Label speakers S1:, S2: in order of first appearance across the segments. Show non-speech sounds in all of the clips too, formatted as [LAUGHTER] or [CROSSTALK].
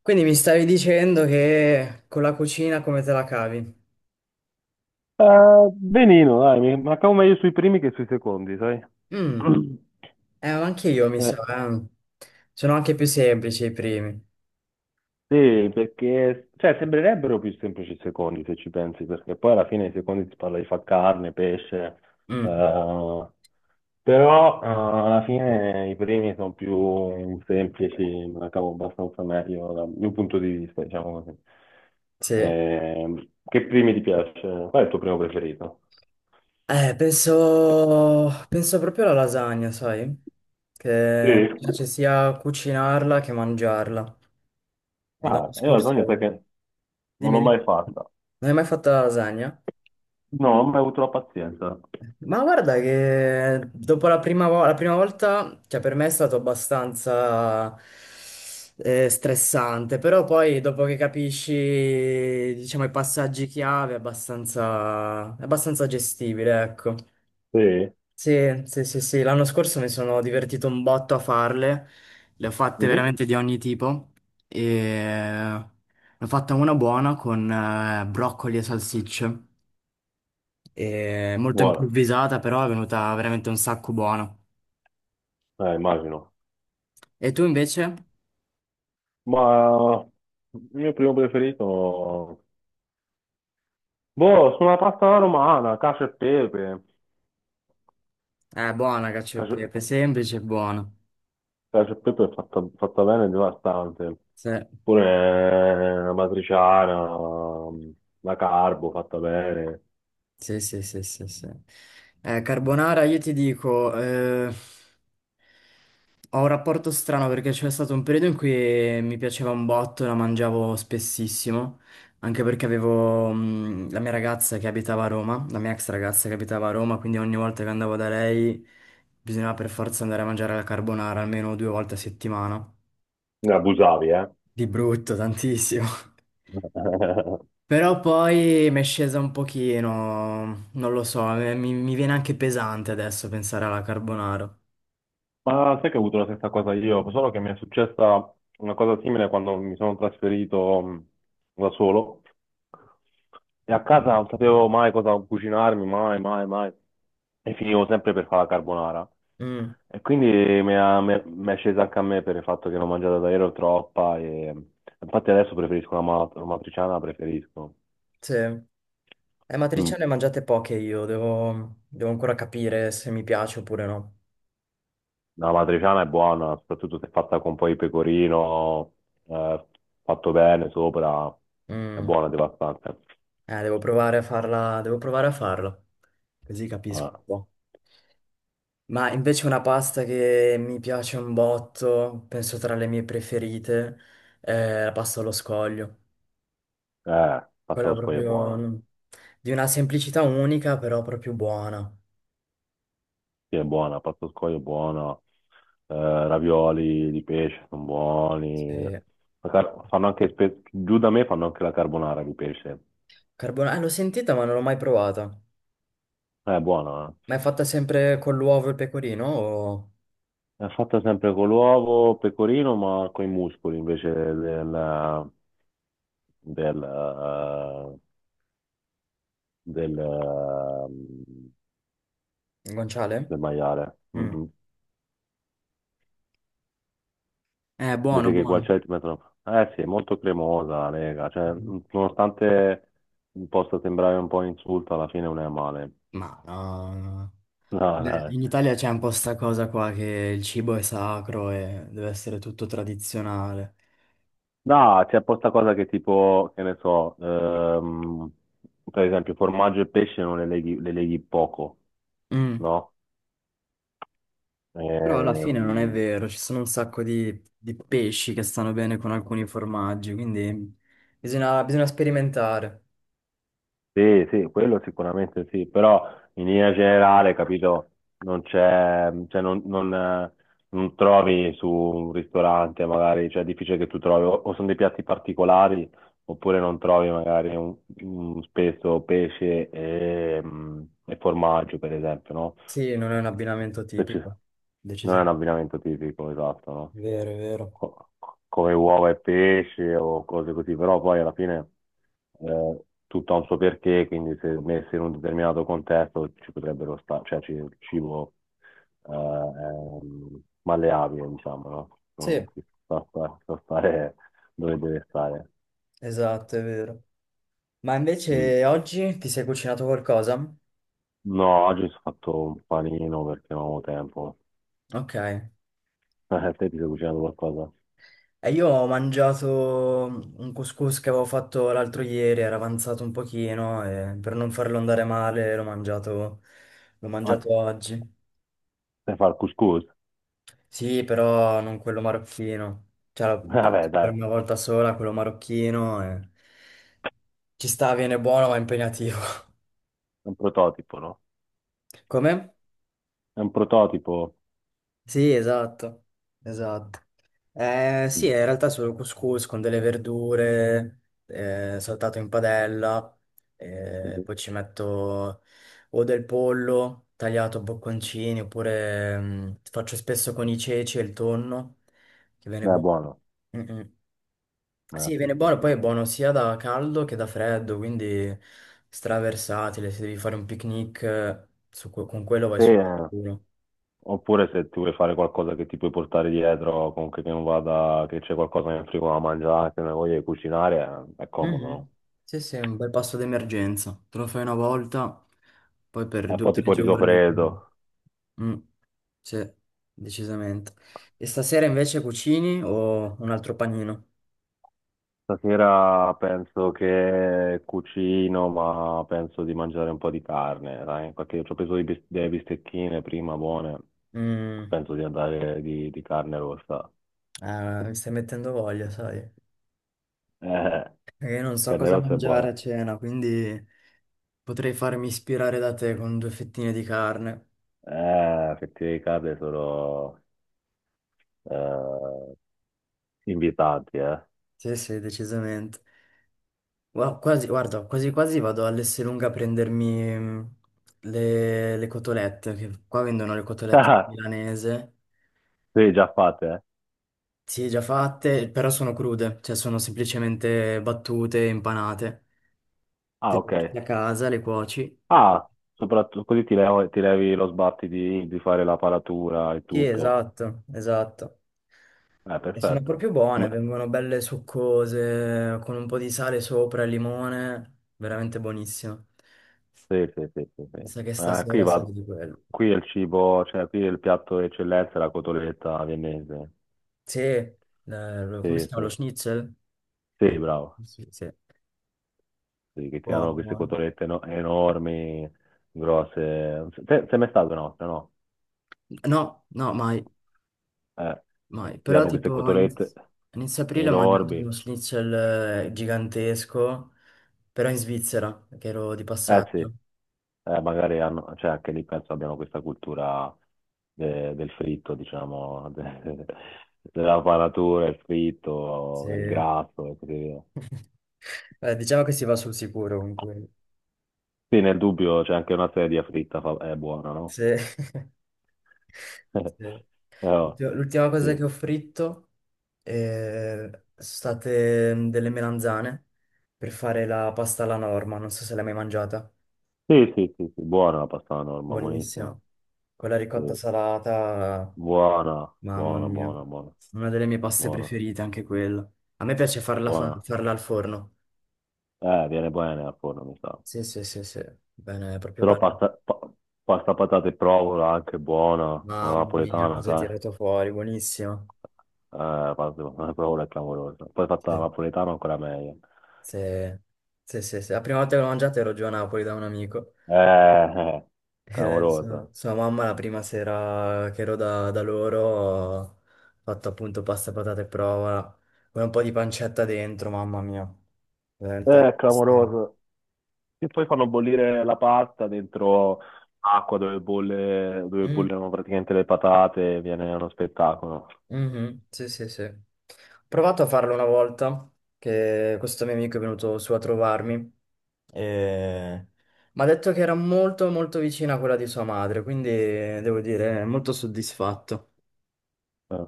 S1: Quindi mi stavi dicendo che con la cucina come te la cavi?
S2: Benino, dai, mi mancavo meglio sui primi che sui secondi, sai?
S1: Mm.
S2: [CLEARS THROAT]
S1: Anche io mi
S2: Eh,
S1: so, eh. Sono anche più semplici i primi.
S2: sì, perché cioè, sembrerebbero più semplici i secondi se ci pensi, perché poi alla fine i secondi si parla di far carne, pesce,
S1: Mm,
S2: eh, però alla fine i primi sono più semplici, me la cavo abbastanza meglio dal mio punto di vista, diciamo così.
S1: sì.
S2: Che primi ti piace? Qual è il tuo primo preferito?
S1: Penso proprio alla lasagna, sai?
S2: Sì.
S1: Che mi piace sia cucinarla che mangiarla. E
S2: Ah,
S1: l'anno
S2: io la lasagna sai
S1: scorso.
S2: che non
S1: Dimmi,
S2: l'ho mai
S1: dimmi.
S2: fatta.
S1: Non hai mai fatto la lasagna?
S2: No, non ho mai avuto la pazienza.
S1: Ma guarda che dopo la prima, la prima volta, cioè per me è stato abbastanza stressante, però poi dopo che capisci, diciamo, i passaggi chiave è abbastanza gestibile, ecco.
S2: Sì.
S1: Sì, sì, sì, sì, l'anno scorso mi sono divertito un botto a farle, le ho fatte
S2: Mhm.
S1: veramente di ogni tipo e ne ho fatta una buona con broccoli e salsicce. E molto
S2: Buona,
S1: improvvisata, però è venuta veramente un sacco buona.
S2: immagino.
S1: E tu invece?
S2: Ma il mio primo preferito... Boh, sono la pasta alla romana, cacio e pepe.
S1: È buona cacio e
S2: Cacio,
S1: pepe, semplice e buona.
S2: cacio e pepe è fatta bene e devastante.
S1: Sì,
S2: Pure la matriciana, la carbo fatta bene.
S1: sì, sì, sì, sì, sì. Carbonara, io ti dico, ho un rapporto strano perché c'è stato un periodo in cui mi piaceva un botto, la mangiavo spessissimo, anche perché avevo, la mia ragazza che abitava a Roma, la mia ex ragazza che abitava a Roma, quindi ogni volta che andavo da lei bisognava per forza andare a mangiare la carbonara almeno due volte a settimana.
S2: Ne abusavi, eh?
S1: Di brutto, tantissimo. [LAUGHS]
S2: [LAUGHS]
S1: Però poi mi è scesa un pochino, non lo so, mi viene anche pesante adesso pensare alla carbonara.
S2: Ma sai che ho avuto la stessa cosa io, solo che mi è successa una cosa simile quando mi sono trasferito da solo e a casa non sapevo mai cosa cucinarmi, mai, mai, mai, e finivo sempre per fare la carbonara.
S1: Mm,
S2: E quindi mi è scesa anche a me per il fatto che l'ho mangiata davvero troppa e infatti adesso preferisco la matriciana, preferisco.
S1: sì.
S2: Mm.
S1: Matriciane ne ho mangiate poche io, devo ancora capire se mi piace oppure no.
S2: La matriciana è buona, soprattutto se fatta con poi pecorino, eh, fatto bene sopra, è
S1: Mm,
S2: buona, devastante.
S1: eh, devo provare a farla, devo provare a farla, così capisco
S2: Eh,
S1: un po'. Ma invece una pasta che mi piace un botto, penso tra le mie preferite, è la pasta allo scoglio.
S2: eh, pasta
S1: Quella
S2: allo scoglio è
S1: proprio
S2: buona,
S1: di una semplicità unica, però proprio buona.
S2: sì è buona, pasta allo scoglio è buona, ravioli di pesce sono buoni.
S1: Sì.
S2: Fanno anche, giù da me fanno anche la carbonara di pesce.
S1: L'ho sentita, ma non l'ho mai provata.
S2: È buona, eh.
S1: Ma è fatta sempre con l'uovo e il pecorino o
S2: È fatta sempre con l'uovo, pecorino, ma con i muscoli invece del, eh, del, eh,
S1: il guanciale?
S2: del maiale. Mm,
S1: Mm.
S2: mm.
S1: È
S2: Invece
S1: buono,
S2: che i
S1: buono.
S2: guanciale ti mettono... Eh sì, è molto cremosa la lega, cioè, mm, nonostante possa sembrare un po' un insulto, alla fine non è male.
S1: Ma no.
S2: No,
S1: Cioè,
S2: dai.
S1: in Italia c'è un po' sta cosa qua che il cibo è sacro e deve essere tutto tradizionale.
S2: No, c'è posta cosa che tipo, che ne so, per esempio formaggio e pesce non le leghi, le leghi poco,
S1: Mm.
S2: no?
S1: Però alla fine non è
S2: Ehm,
S1: vero, ci sono un sacco di pesci che stanno bene con alcuni formaggi, quindi bisogna sperimentare.
S2: Sì, sì, quello sicuramente sì, però in linea generale, capito, non c'è, cioè non trovi su un ristorante magari, cioè è difficile che tu trovi, o sono dei piatti particolari, oppure non trovi magari un, spesso pesce e, mm, e formaggio, per esempio, no?
S1: Sì, non è un abbinamento
S2: Se ci-
S1: tipico.
S2: Non è un
S1: Decisamente.
S2: abbinamento tipico, esatto, no?
S1: Vero, è vero.
S2: Co- Come uova e pesce o cose così, però poi alla fine tutto ha un suo perché, quindi se messo in un determinato contesto ci potrebbero stare, il cibo è malleabile, diciamo, no? No,
S1: Sì,
S2: sa stare dove deve stare.
S1: esatto, è vero. Ma
S2: Mm.
S1: invece oggi ti sei cucinato qualcosa?
S2: No, oggi ho fatto un panino perché non avevo tempo.
S1: Ok.
S2: [LAUGHS] Te ti sei cucinato qualcosa?
S1: E io ho mangiato un couscous che avevo fatto l'altro ieri, era avanzato un pochino e per non farlo andare male l'ho mangiato oggi.
S2: Sai fare il couscous?
S1: Sì, però non quello marocchino. Cioè,
S2: [LAUGHS]
S1: l'ho
S2: Vabbè,
S1: provato per
S2: dai, è
S1: una volta sola, quello marocchino. Ci sta, viene buono, ma è impegnativo.
S2: un prototipo, no?
S1: [LAUGHS] Come?
S2: È un prototipo.
S1: Sì, esatto. Esatto. Sì, in
S2: Mm.
S1: realtà è solo couscous con delle verdure, saltato in padella. Poi ci metto o del pollo tagliato a bocconcini, oppure faccio spesso con i ceci e il tonno, che
S2: È
S1: viene buono.
S2: buono.
S1: Mm, mm. Sì,
S2: Sì,
S1: viene
S2: sì,
S1: buono,
S2: sì,
S1: poi è
S2: sì.
S1: buono sia da caldo che da freddo, quindi straversatile, se devi fare un picnic con quello vai
S2: Sì,
S1: sul
S2: eh.
S1: sicuro.
S2: Oppure se ti vuoi fare qualcosa che ti puoi portare dietro, comunque che non vada, che c'è qualcosa nel frigo da mangiare, se non hai voglia di cucinare, è comodo, no?
S1: Mhm. Sì, sì, è un bel pasto d'emergenza, te lo fai una volta, poi per
S2: E
S1: due o
S2: poi
S1: tre
S2: tipo il riso
S1: giorni.
S2: freddo.
S1: Mm, sì, decisamente. E stasera invece cucini o un altro panino?
S2: Stasera penso che cucino, ma penso di mangiare un po' di carne, dai, perché ci ho preso delle bistecchine prima buone,
S1: Mm,
S2: penso di andare di carne rossa.
S1: mi stai mettendo voglia, sai?
S2: Eh,
S1: Perché io non so
S2: carne
S1: cosa
S2: rossa è
S1: mangiare
S2: buona.
S1: a cena, quindi. Potrei farmi ispirare da te con due fettine di carne.
S2: Fettuine di carne sono eh, invitanti, eh.
S1: Sì, sì, decisamente. Quasi, guarda, quasi quasi vado all'Esselunga a prendermi le cotolette, che qua vendono le cotolette
S2: [LAUGHS]
S1: milanese.
S2: Sì, già fatte, eh.
S1: Sì, già fatte, però sono crude, cioè sono semplicemente battute, impanate. Te
S2: Ah,
S1: le
S2: ok.
S1: porti a casa, le cuoci.
S2: Ah, soprattutto così ti levi lo sbatti di fare la paratura e
S1: Sì,
S2: tutto.
S1: esatto, esatto. E sono
S2: Perfetto.
S1: proprio buone,
S2: Come-
S1: vengono belle succose, con un po' di sale sopra e limone, veramente buonissimo.
S2: Sì, sì, sì, sì, sì.
S1: Mi sa che
S2: Qui
S1: stasera
S2: va,
S1: serve di quello.
S2: qui è il cibo, cioè qui il piatto d'eccellenza è la cotoletta viennese.
S1: Sì, come si
S2: Sì,
S1: chiama lo
S2: sì.
S1: schnitzel?
S2: Sì,
S1: Lo-
S2: bravo.
S1: Sì, sì.
S2: Sì, che
S1: Buono,
S2: tirano queste
S1: buono.
S2: cotolette enormi, grosse. Te- Sei mai stato in Austria, no?
S1: No, no, mai,
S2: Eh,
S1: mai. Però
S2: tirano queste
S1: tipo
S2: cotolette
S1: a inizio aprile ho mangiato uno
S2: enormi.
S1: schnitzel gigantesco, però in Svizzera, che ero di
S2: Eh sì,
S1: passaggio.
S2: magari hanno, cioè anche lì penso abbiano questa cultura del fritto, diciamo, [LAUGHS] della panatura, il fritto, il
S1: Sì.
S2: grasso e così via.
S1: [LAUGHS] Diciamo che si va sul sicuro comunque.
S2: Sì, nel dubbio c'è anche una sedia fritta, è buona, no?
S1: Sì. [LAUGHS] Sì.
S2: [LAUGHS] Però,
S1: L'ultima cosa
S2: sì.
S1: che ho fritto. Sono state delle melanzane per fare la pasta alla norma, non so se l'hai mai mangiata.
S2: Sì, sì, sì, sì, buona la pasta alla norma,
S1: Buonissima.
S2: buonissima.
S1: Con la
S2: Sì.
S1: ricotta salata,
S2: Buona,
S1: mamma
S2: buona,
S1: mia.
S2: buona, buona,
S1: Una delle mie paste
S2: buona,
S1: preferite anche quella. A me piace farla,
S2: buona.
S1: farla al forno.
S2: Viene bene al forno, mi sa.
S1: Sì, sì, sì, sì. Bene, è proprio
S2: Però
S1: bello.
S2: pasta patate e provola anche buona, la
S1: Mamma mia,
S2: napoletana,
S1: cosa hai
S2: sai?
S1: tirato fuori, buonissimo.
S2: Pasta [LAUGHS] patate e provola è clamorosa. Poi fatta la
S1: Sì,
S2: napoletana ancora meglio.
S1: sì, sì, sì, sì. La prima volta che l'ho mangiata ero giù a Napoli da un amico.
S2: Eh, eh,
S1: Eh, sua,
S2: clamorosa.
S1: sua mamma la prima sera che ero da loro ha fatto appunto pasta, patate e prova, con un po' di pancetta dentro, mamma mia. Veramente triste.
S2: Clamorosa. E poi fanno bollire la pasta dentro acqua dove bolle, dove
S1: Mm,
S2: bollono praticamente le patate, viene uno spettacolo.
S1: mhm, sì, sì, sì. Ho provato a farlo una volta, che questo mio amico è venuto su a trovarmi e mi ha detto che era molto molto vicina a quella di sua madre, quindi devo dire molto soddisfatto.
S2: Eh.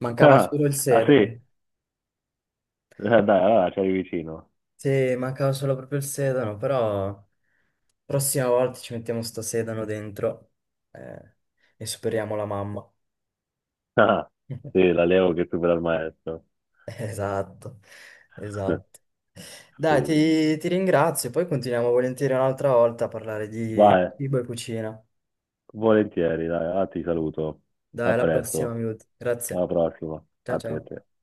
S1: Mancava
S2: [LAUGHS]
S1: solo il
S2: Ah,
S1: sedano.
S2: sì? Dai, allora c'eri vicino.
S1: Sì, mancava solo proprio il sedano, però prossima volta ci mettiamo sto sedano dentro eh, e superiamo la mamma.
S2: [LAUGHS] Ah,
S1: [LAUGHS]
S2: sì, l'allievo che supera il maestro.
S1: Esatto,
S2: [LAUGHS]
S1: esatto. Dai,
S2: Sì.
S1: ti ringrazio, poi continuiamo volentieri un'altra volta a parlare di
S2: Vai,
S1: cibo e cucina.
S2: volentieri, dai, ah, ti saluto.
S1: Dai,
S2: A
S1: alla prossima,
S2: presto,
S1: Miut. Grazie.
S2: alla prossima.
S1: Ciao
S2: A te, a
S1: ciao.
S2: te.